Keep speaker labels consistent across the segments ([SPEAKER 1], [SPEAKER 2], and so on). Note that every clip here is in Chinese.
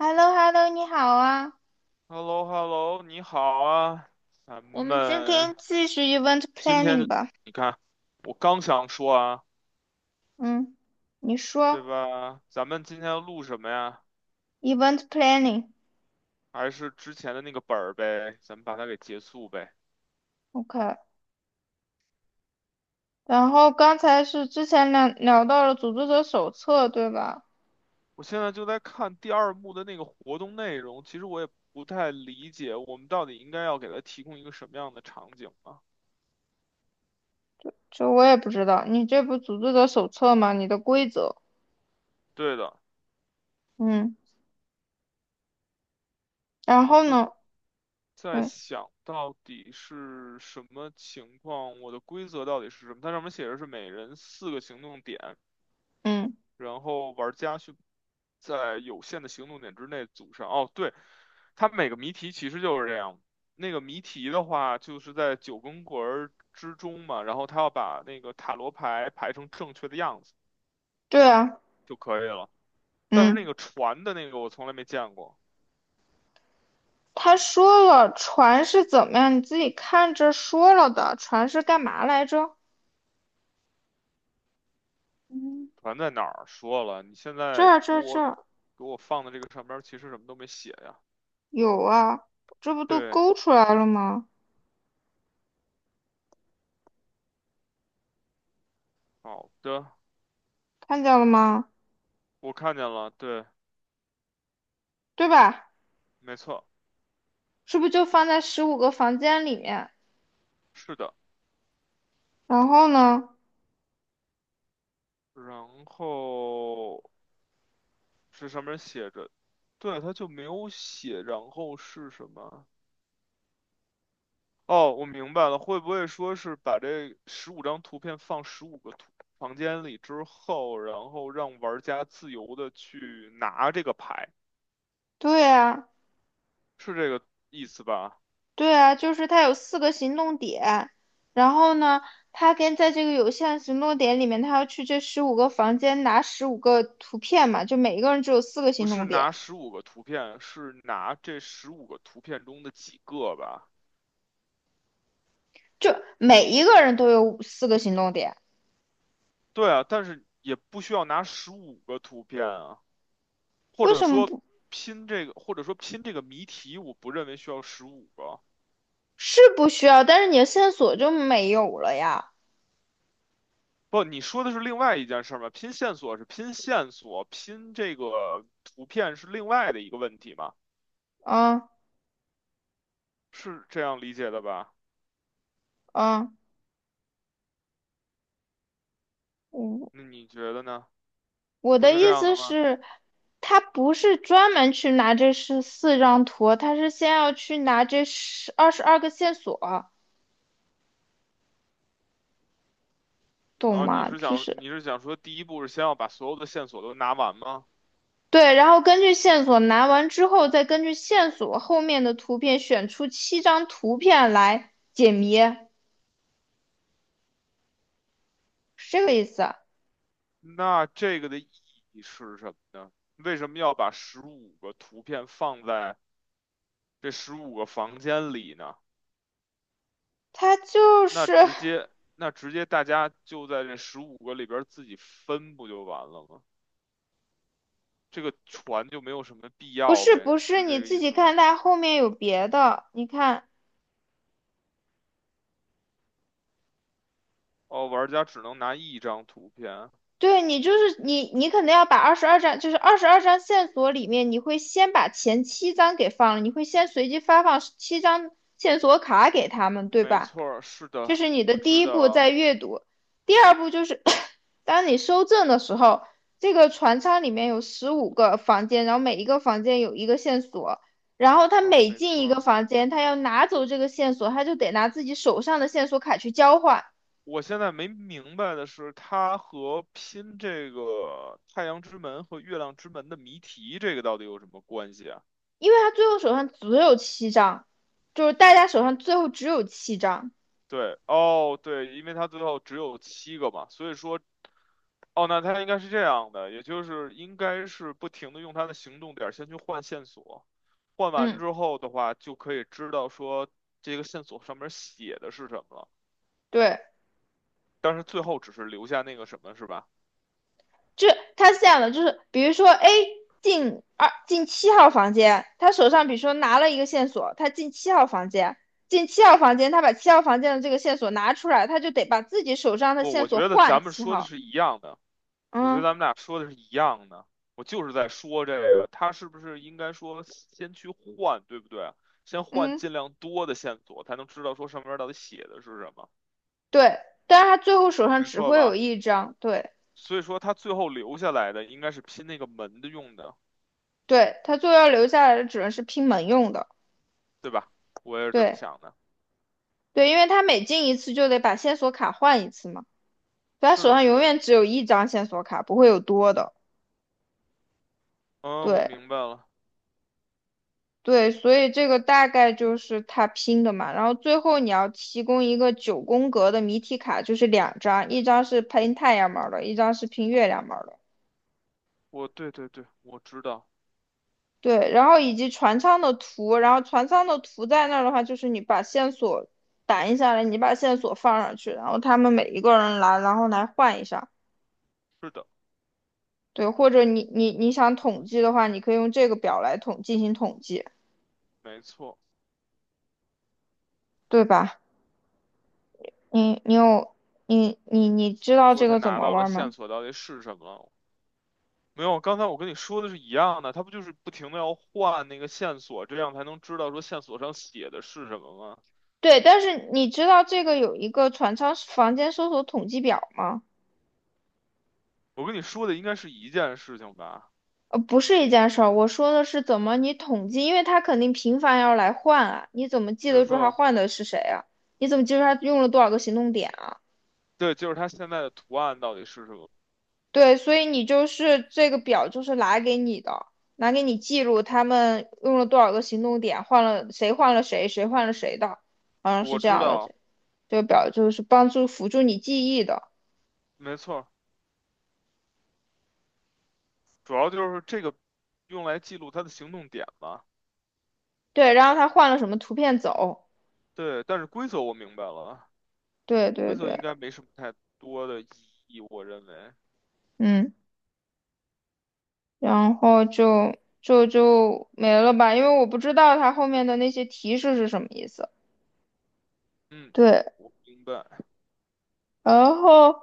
[SPEAKER 1] h e l l o h e l l o 你好啊，
[SPEAKER 2] h e l l o h e l l o 你好啊，咱
[SPEAKER 1] 我们今天
[SPEAKER 2] 们
[SPEAKER 1] 继续 event
[SPEAKER 2] 今
[SPEAKER 1] planning
[SPEAKER 2] 天
[SPEAKER 1] 吧。
[SPEAKER 2] 你看，我刚想说啊，
[SPEAKER 1] 嗯，你
[SPEAKER 2] 对
[SPEAKER 1] 说
[SPEAKER 2] 吧？咱们今天要录什么呀？
[SPEAKER 1] event planning，OK。
[SPEAKER 2] 还是之前的那个本儿呗，咱们把它给结束呗。
[SPEAKER 1] 然后刚才是之前聊到了组织者手册，对吧？
[SPEAKER 2] 我现在就在看第二幕的那个活动内容，其实我也不太理解，我们到底应该要给它提供一个什么样的场景啊？
[SPEAKER 1] 这我也不知道，你这不组织者手册吗？你的规则，
[SPEAKER 2] 对的，
[SPEAKER 1] 嗯，然
[SPEAKER 2] 我
[SPEAKER 1] 后
[SPEAKER 2] 就
[SPEAKER 1] 呢？
[SPEAKER 2] 在
[SPEAKER 1] 对，
[SPEAKER 2] 想到底是什么情况，我的规则到底是什么？它上面写着是每人4个行动点。
[SPEAKER 1] 嗯，
[SPEAKER 2] 然后玩家去在有限的行动点之内组上。哦，对，它每个谜题其实就是这样。那个谜题的话，就是在九宫格儿之中嘛，然后他要把那个塔罗牌排成正确的样子
[SPEAKER 1] 对啊，
[SPEAKER 2] 就可以了。但是那
[SPEAKER 1] 嗯，
[SPEAKER 2] 个船的那个我从来没见过，
[SPEAKER 1] 他说了船是怎么样，你自己看着说了的，船是干嘛来着？嗯，
[SPEAKER 2] 船在哪儿？说了，你现
[SPEAKER 1] 这
[SPEAKER 2] 在
[SPEAKER 1] 儿这
[SPEAKER 2] 给
[SPEAKER 1] 儿这
[SPEAKER 2] 我
[SPEAKER 1] 儿
[SPEAKER 2] 给我放的这个上边儿其实什么都没写呀。
[SPEAKER 1] 有啊，这不都
[SPEAKER 2] 对，
[SPEAKER 1] 勾出来了吗？
[SPEAKER 2] 好的，
[SPEAKER 1] 看见了吗？
[SPEAKER 2] 我看见了，对，
[SPEAKER 1] 对吧？
[SPEAKER 2] 没错，
[SPEAKER 1] 是不是就放在十五个房间里面？
[SPEAKER 2] 是的。
[SPEAKER 1] 然后呢？
[SPEAKER 2] 然后是上面写着，对，它就没有写，然后是什么？哦，我明白了，会不会说是把这15张图片放十五个图房间里之后，然后让玩家自由的去拿这个牌，
[SPEAKER 1] 对啊，
[SPEAKER 2] 是这个意思吧？
[SPEAKER 1] 对啊，就是他有四个行动点，然后呢，他跟在这个有限行动点里面，他要去这十五个房间拿15个图片嘛，就每一个人只有四个
[SPEAKER 2] 不
[SPEAKER 1] 行
[SPEAKER 2] 是
[SPEAKER 1] 动点，
[SPEAKER 2] 拿十五个图片，是拿这十五个图片中的几个吧？
[SPEAKER 1] 就每一个人都有五四个行动点，
[SPEAKER 2] 对啊，但是也不需要拿十五个图片啊，或
[SPEAKER 1] 为
[SPEAKER 2] 者
[SPEAKER 1] 什么
[SPEAKER 2] 说
[SPEAKER 1] 不
[SPEAKER 2] 拼这个，或者说拼这个谜题，我不认为需要十五个。
[SPEAKER 1] 是不需要？但是你的线索就没有了呀？
[SPEAKER 2] 不，你说的是另外一件事儿吗？拼线索是拼线索，拼这个图片是另外的一个问题吗？
[SPEAKER 1] 嗯
[SPEAKER 2] 是这样理解的吧？
[SPEAKER 1] 嗯嗯。
[SPEAKER 2] 那你觉得呢？
[SPEAKER 1] 我
[SPEAKER 2] 不
[SPEAKER 1] 的
[SPEAKER 2] 是这
[SPEAKER 1] 意
[SPEAKER 2] 样的
[SPEAKER 1] 思
[SPEAKER 2] 吗？
[SPEAKER 1] 是，他不是专门去拿这14张图，他是先要去拿这十二十二个线索，懂
[SPEAKER 2] 哦，你
[SPEAKER 1] 吗？
[SPEAKER 2] 是
[SPEAKER 1] 就
[SPEAKER 2] 想
[SPEAKER 1] 是
[SPEAKER 2] 你是想说第一步是先要把所有的线索都拿完吗？
[SPEAKER 1] 对，然后根据线索拿完之后，再根据线索后面的图片选出7张图片来解谜，是这个意思啊，
[SPEAKER 2] 那这个的意义是什么呢？为什么要把十五个图片放在这15个房间里呢？
[SPEAKER 1] 他就
[SPEAKER 2] 那
[SPEAKER 1] 是
[SPEAKER 2] 直接那直接大家就在这十五个里边儿自己分不就完了吗？这个船就没有什么必
[SPEAKER 1] 不
[SPEAKER 2] 要
[SPEAKER 1] 是
[SPEAKER 2] 呗，
[SPEAKER 1] 不是，
[SPEAKER 2] 是
[SPEAKER 1] 你
[SPEAKER 2] 这个
[SPEAKER 1] 自
[SPEAKER 2] 意
[SPEAKER 1] 己
[SPEAKER 2] 思吗？
[SPEAKER 1] 看，他后面有别的，你看，
[SPEAKER 2] 哦，玩家只能拿一张图片，
[SPEAKER 1] 对，你就是你，你可能要把二十二张，就是二十二张线索里面，你会先把前7张给放了，你会先随机发放七张线索卡给他们，对
[SPEAKER 2] 没
[SPEAKER 1] 吧？
[SPEAKER 2] 错儿是的，
[SPEAKER 1] 这是你的
[SPEAKER 2] 我
[SPEAKER 1] 第
[SPEAKER 2] 知
[SPEAKER 1] 一步，
[SPEAKER 2] 道，
[SPEAKER 1] 在阅读。第二步就是 当你收证的时候，这个船舱里面有十五个房间，然后每一个房间有一个线索，然后他
[SPEAKER 2] 嗯，
[SPEAKER 1] 每
[SPEAKER 2] 没
[SPEAKER 1] 进
[SPEAKER 2] 错
[SPEAKER 1] 一个
[SPEAKER 2] 儿
[SPEAKER 1] 房间，他要拿走这个线索，他就得拿自己手上的线索卡去交换。
[SPEAKER 2] 我现在没明白的是，它和拼这个太阳之门和月亮之门的谜题，这个到底有什么关系？啊？
[SPEAKER 1] 因为他最后手上只有七张，就是大家手上最后只有七张。
[SPEAKER 2] 对，哦，对，因为他最后只有7个嘛，所以说，哦，那他应该是这样的，也就是应该是不停的用他的行动点儿先去换线索，换完
[SPEAKER 1] 嗯，
[SPEAKER 2] 之后的话，就可以知道说这个线索上面写的是什么了，
[SPEAKER 1] 对，
[SPEAKER 2] 但是最后只是留下那个什么，是吧？
[SPEAKER 1] 这他是这样的，就是比如说 A 进7号房间，他手上比如说拿了一个线索，他进七号房间，他把七号房间的这个线索拿出来，他就得把自己手上的
[SPEAKER 2] 不，
[SPEAKER 1] 线
[SPEAKER 2] 我
[SPEAKER 1] 索
[SPEAKER 2] 觉得
[SPEAKER 1] 换
[SPEAKER 2] 咱们
[SPEAKER 1] 七
[SPEAKER 2] 说的
[SPEAKER 1] 号。
[SPEAKER 2] 是一样的。我觉得
[SPEAKER 1] 嗯
[SPEAKER 2] 咱们俩说的是一样的，我就是在说这个，他是不是应该说先去换，对不对啊？先换
[SPEAKER 1] 嗯，
[SPEAKER 2] 尽量多的线索，才能知道说上面到底写的是什么，
[SPEAKER 1] 对，但是他最后手上
[SPEAKER 2] 没
[SPEAKER 1] 只
[SPEAKER 2] 错
[SPEAKER 1] 会有
[SPEAKER 2] 吧？
[SPEAKER 1] 一张，对
[SPEAKER 2] 所以说他最后留下来的应该是拼那个门的用的，
[SPEAKER 1] 对，他最后要留下来的只能是拼门用的，
[SPEAKER 2] 对吧？我也是这么
[SPEAKER 1] 对。
[SPEAKER 2] 想的。
[SPEAKER 1] 对，因为他每进一次就得把线索卡换一次嘛，所以他
[SPEAKER 2] 是
[SPEAKER 1] 手
[SPEAKER 2] 的，
[SPEAKER 1] 上
[SPEAKER 2] 是
[SPEAKER 1] 永
[SPEAKER 2] 的，
[SPEAKER 1] 远只有一张线索卡，不会有多的。
[SPEAKER 2] 嗯，我
[SPEAKER 1] 对
[SPEAKER 2] 明白了，
[SPEAKER 1] 对，所以这个大概就是他拼的嘛。然后最后你要提供一个九宫格的谜题卡，就是2张，一张是拼太阳门儿的，一张是拼月亮门儿的。
[SPEAKER 2] 我对对对，我知道，
[SPEAKER 1] 对，然后以及船舱的图，然后船舱的图在那儿的话，就是你把线索打印下来，你把线索放上去，然后他们每一个人来，然后来换一下。
[SPEAKER 2] 是的，
[SPEAKER 1] 对，或者你想统
[SPEAKER 2] 我
[SPEAKER 1] 计的话，你可以用这个表来进行统计，
[SPEAKER 2] 没错。
[SPEAKER 1] 对吧？你你有你你你知道
[SPEAKER 2] 说
[SPEAKER 1] 这
[SPEAKER 2] 他
[SPEAKER 1] 个怎
[SPEAKER 2] 拿
[SPEAKER 1] 么
[SPEAKER 2] 到了
[SPEAKER 1] 玩
[SPEAKER 2] 线
[SPEAKER 1] 吗？
[SPEAKER 2] 索到底是什么了没有，刚才我跟你说的是一样的，他不就是不停的要换那个线索，这样才能知道说线索上写的是什么吗？
[SPEAKER 1] 对，但是你知道这个有一个船舱房间搜索统计表吗？
[SPEAKER 2] 我跟你说的应该是一件事情吧？
[SPEAKER 1] 不是一件事儿，我说的是怎么你统计，因为他肯定频繁要来换啊，你怎么记
[SPEAKER 2] 没
[SPEAKER 1] 得住他
[SPEAKER 2] 错，
[SPEAKER 1] 换的是谁啊？你怎么记住他用了多少个行动点啊？
[SPEAKER 2] 对，就是他现在的图案到底是什么？
[SPEAKER 1] 对，所以你就是这个表就是拿给你的，拿给你记录他们用了多少个行动点，换了谁换了谁，谁换了谁的，好像是
[SPEAKER 2] 我
[SPEAKER 1] 这
[SPEAKER 2] 知
[SPEAKER 1] 样的。
[SPEAKER 2] 道，
[SPEAKER 1] 这个表就是帮助辅助你记忆的。
[SPEAKER 2] 没错，主要就是这个用来记录他的行动点吧？
[SPEAKER 1] 对，然后他换了什么图片走？
[SPEAKER 2] 对，但是规则我明白了，
[SPEAKER 1] 对
[SPEAKER 2] 规
[SPEAKER 1] 对
[SPEAKER 2] 则
[SPEAKER 1] 对，
[SPEAKER 2] 应该没什么太多的意义，我认为。
[SPEAKER 1] 嗯，然后就没了吧，因为我不知道他后面的那些提示是什么意思。
[SPEAKER 2] 嗯，
[SPEAKER 1] 对，
[SPEAKER 2] 我明白。
[SPEAKER 1] 然后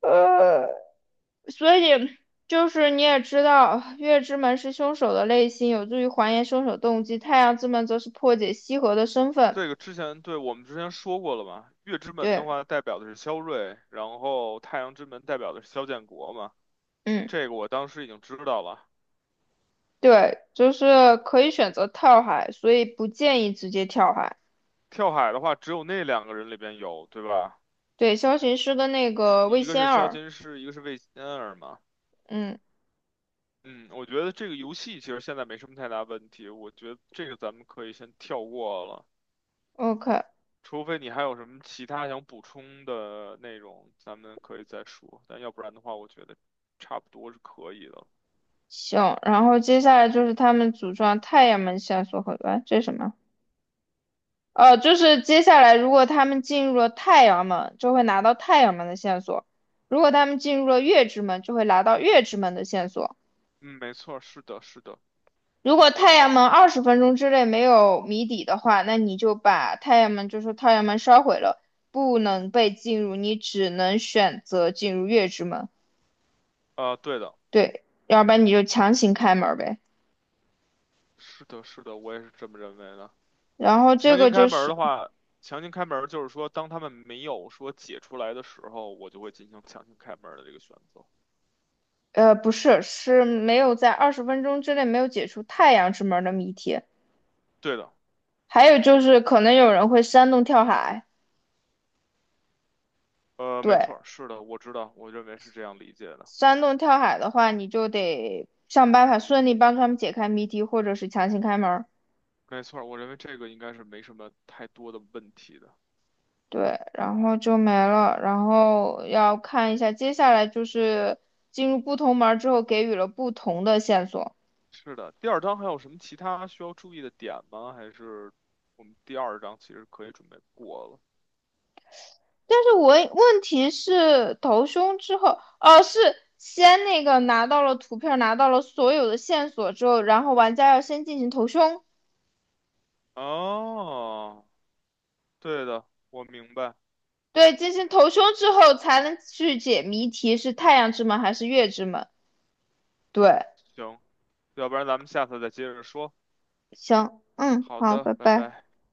[SPEAKER 1] 呃。所以就是你也知道，月之门是凶手的内心，有助于还原凶手动机；太阳之门则是破解西河的身份。
[SPEAKER 2] 这个之前对我们之前说过了嘛，月之门的
[SPEAKER 1] 对，
[SPEAKER 2] 话代表的是萧睿，然后太阳之门代表的是萧建国嘛，
[SPEAKER 1] 嗯，
[SPEAKER 2] 这个我当时已经知道了。
[SPEAKER 1] 对，就是可以选择跳海，所以不建议直接跳海。
[SPEAKER 2] 跳海的话，只有那两个人里边有，对吧？
[SPEAKER 1] 对，萧行师的那
[SPEAKER 2] 一
[SPEAKER 1] 个魏
[SPEAKER 2] 一个是
[SPEAKER 1] 仙
[SPEAKER 2] 萧
[SPEAKER 1] 儿，
[SPEAKER 2] 金师，一个是魏仙儿嘛。
[SPEAKER 1] 嗯
[SPEAKER 2] 嗯，我觉得这个游戏其实现在没什么太大问题，我觉得这个咱们可以先跳过了，
[SPEAKER 1] ，OK，
[SPEAKER 2] 除非你还有什么其他想补充的内容，咱们可以再说。但要不然的话，我觉得差不多是可以的
[SPEAKER 1] 行。然后接下来就是他们组装太阳门线索和，哎，这是什么？就是接下来如果他们进入了太阳门，就会拿到太阳门的线索；如果他们进入了月之门，就会拿到月之门的线索。
[SPEAKER 2] 嗯，没错，是的，是的。
[SPEAKER 1] 如果太阳门二十分钟之内没有谜底的话，那你就把太阳门，就说太阳门烧毁了，不能被进入，你只能选择进入月之门。
[SPEAKER 2] 啊，对的，
[SPEAKER 1] 对，要不然你就强行开门呗。
[SPEAKER 2] 是的，是的，我也是这么认为的。
[SPEAKER 1] 然后这
[SPEAKER 2] 强行
[SPEAKER 1] 个
[SPEAKER 2] 开
[SPEAKER 1] 就
[SPEAKER 2] 门儿
[SPEAKER 1] 是，
[SPEAKER 2] 的话，强行开门儿就是说，当他们没有说解出来的时候，我就会进行强行开门儿的这个选择。
[SPEAKER 1] 不是，是没有在二十分钟之内没有解除太阳之门的谜题。
[SPEAKER 2] 对的，
[SPEAKER 1] 还有就是可能有人会煽动跳海，
[SPEAKER 2] 没错
[SPEAKER 1] 对，
[SPEAKER 2] 儿是的，我知道，我认为是这样理解的。
[SPEAKER 1] 煽动跳海的话，你就得想办法顺利帮他们解开谜题，或者是强行开门儿，
[SPEAKER 2] 没错儿我认为这个应该是没什么太多的问题的。
[SPEAKER 1] 对，然后就没了，然后要看一下接下来就是进入不同门儿之后给予了不同的线索，
[SPEAKER 2] 是的，第二章还有什么其他需要注意的点吗？还是我们第二章其实可以准备过了？
[SPEAKER 1] 但是我问题是投凶之后，哦是。先那个拿到了图片，拿到了所有的线索之后，然后玩家要先进行投凶，
[SPEAKER 2] 哦，对的，我明白。
[SPEAKER 1] 对，进行投凶之后才能去解谜题，是太阳之门还是月之门？对，
[SPEAKER 2] 行，要不然咱们下次再接着说。
[SPEAKER 1] 行，嗯，
[SPEAKER 2] 好
[SPEAKER 1] 好，
[SPEAKER 2] 的，
[SPEAKER 1] 拜
[SPEAKER 2] 拜
[SPEAKER 1] 拜。
[SPEAKER 2] 拜。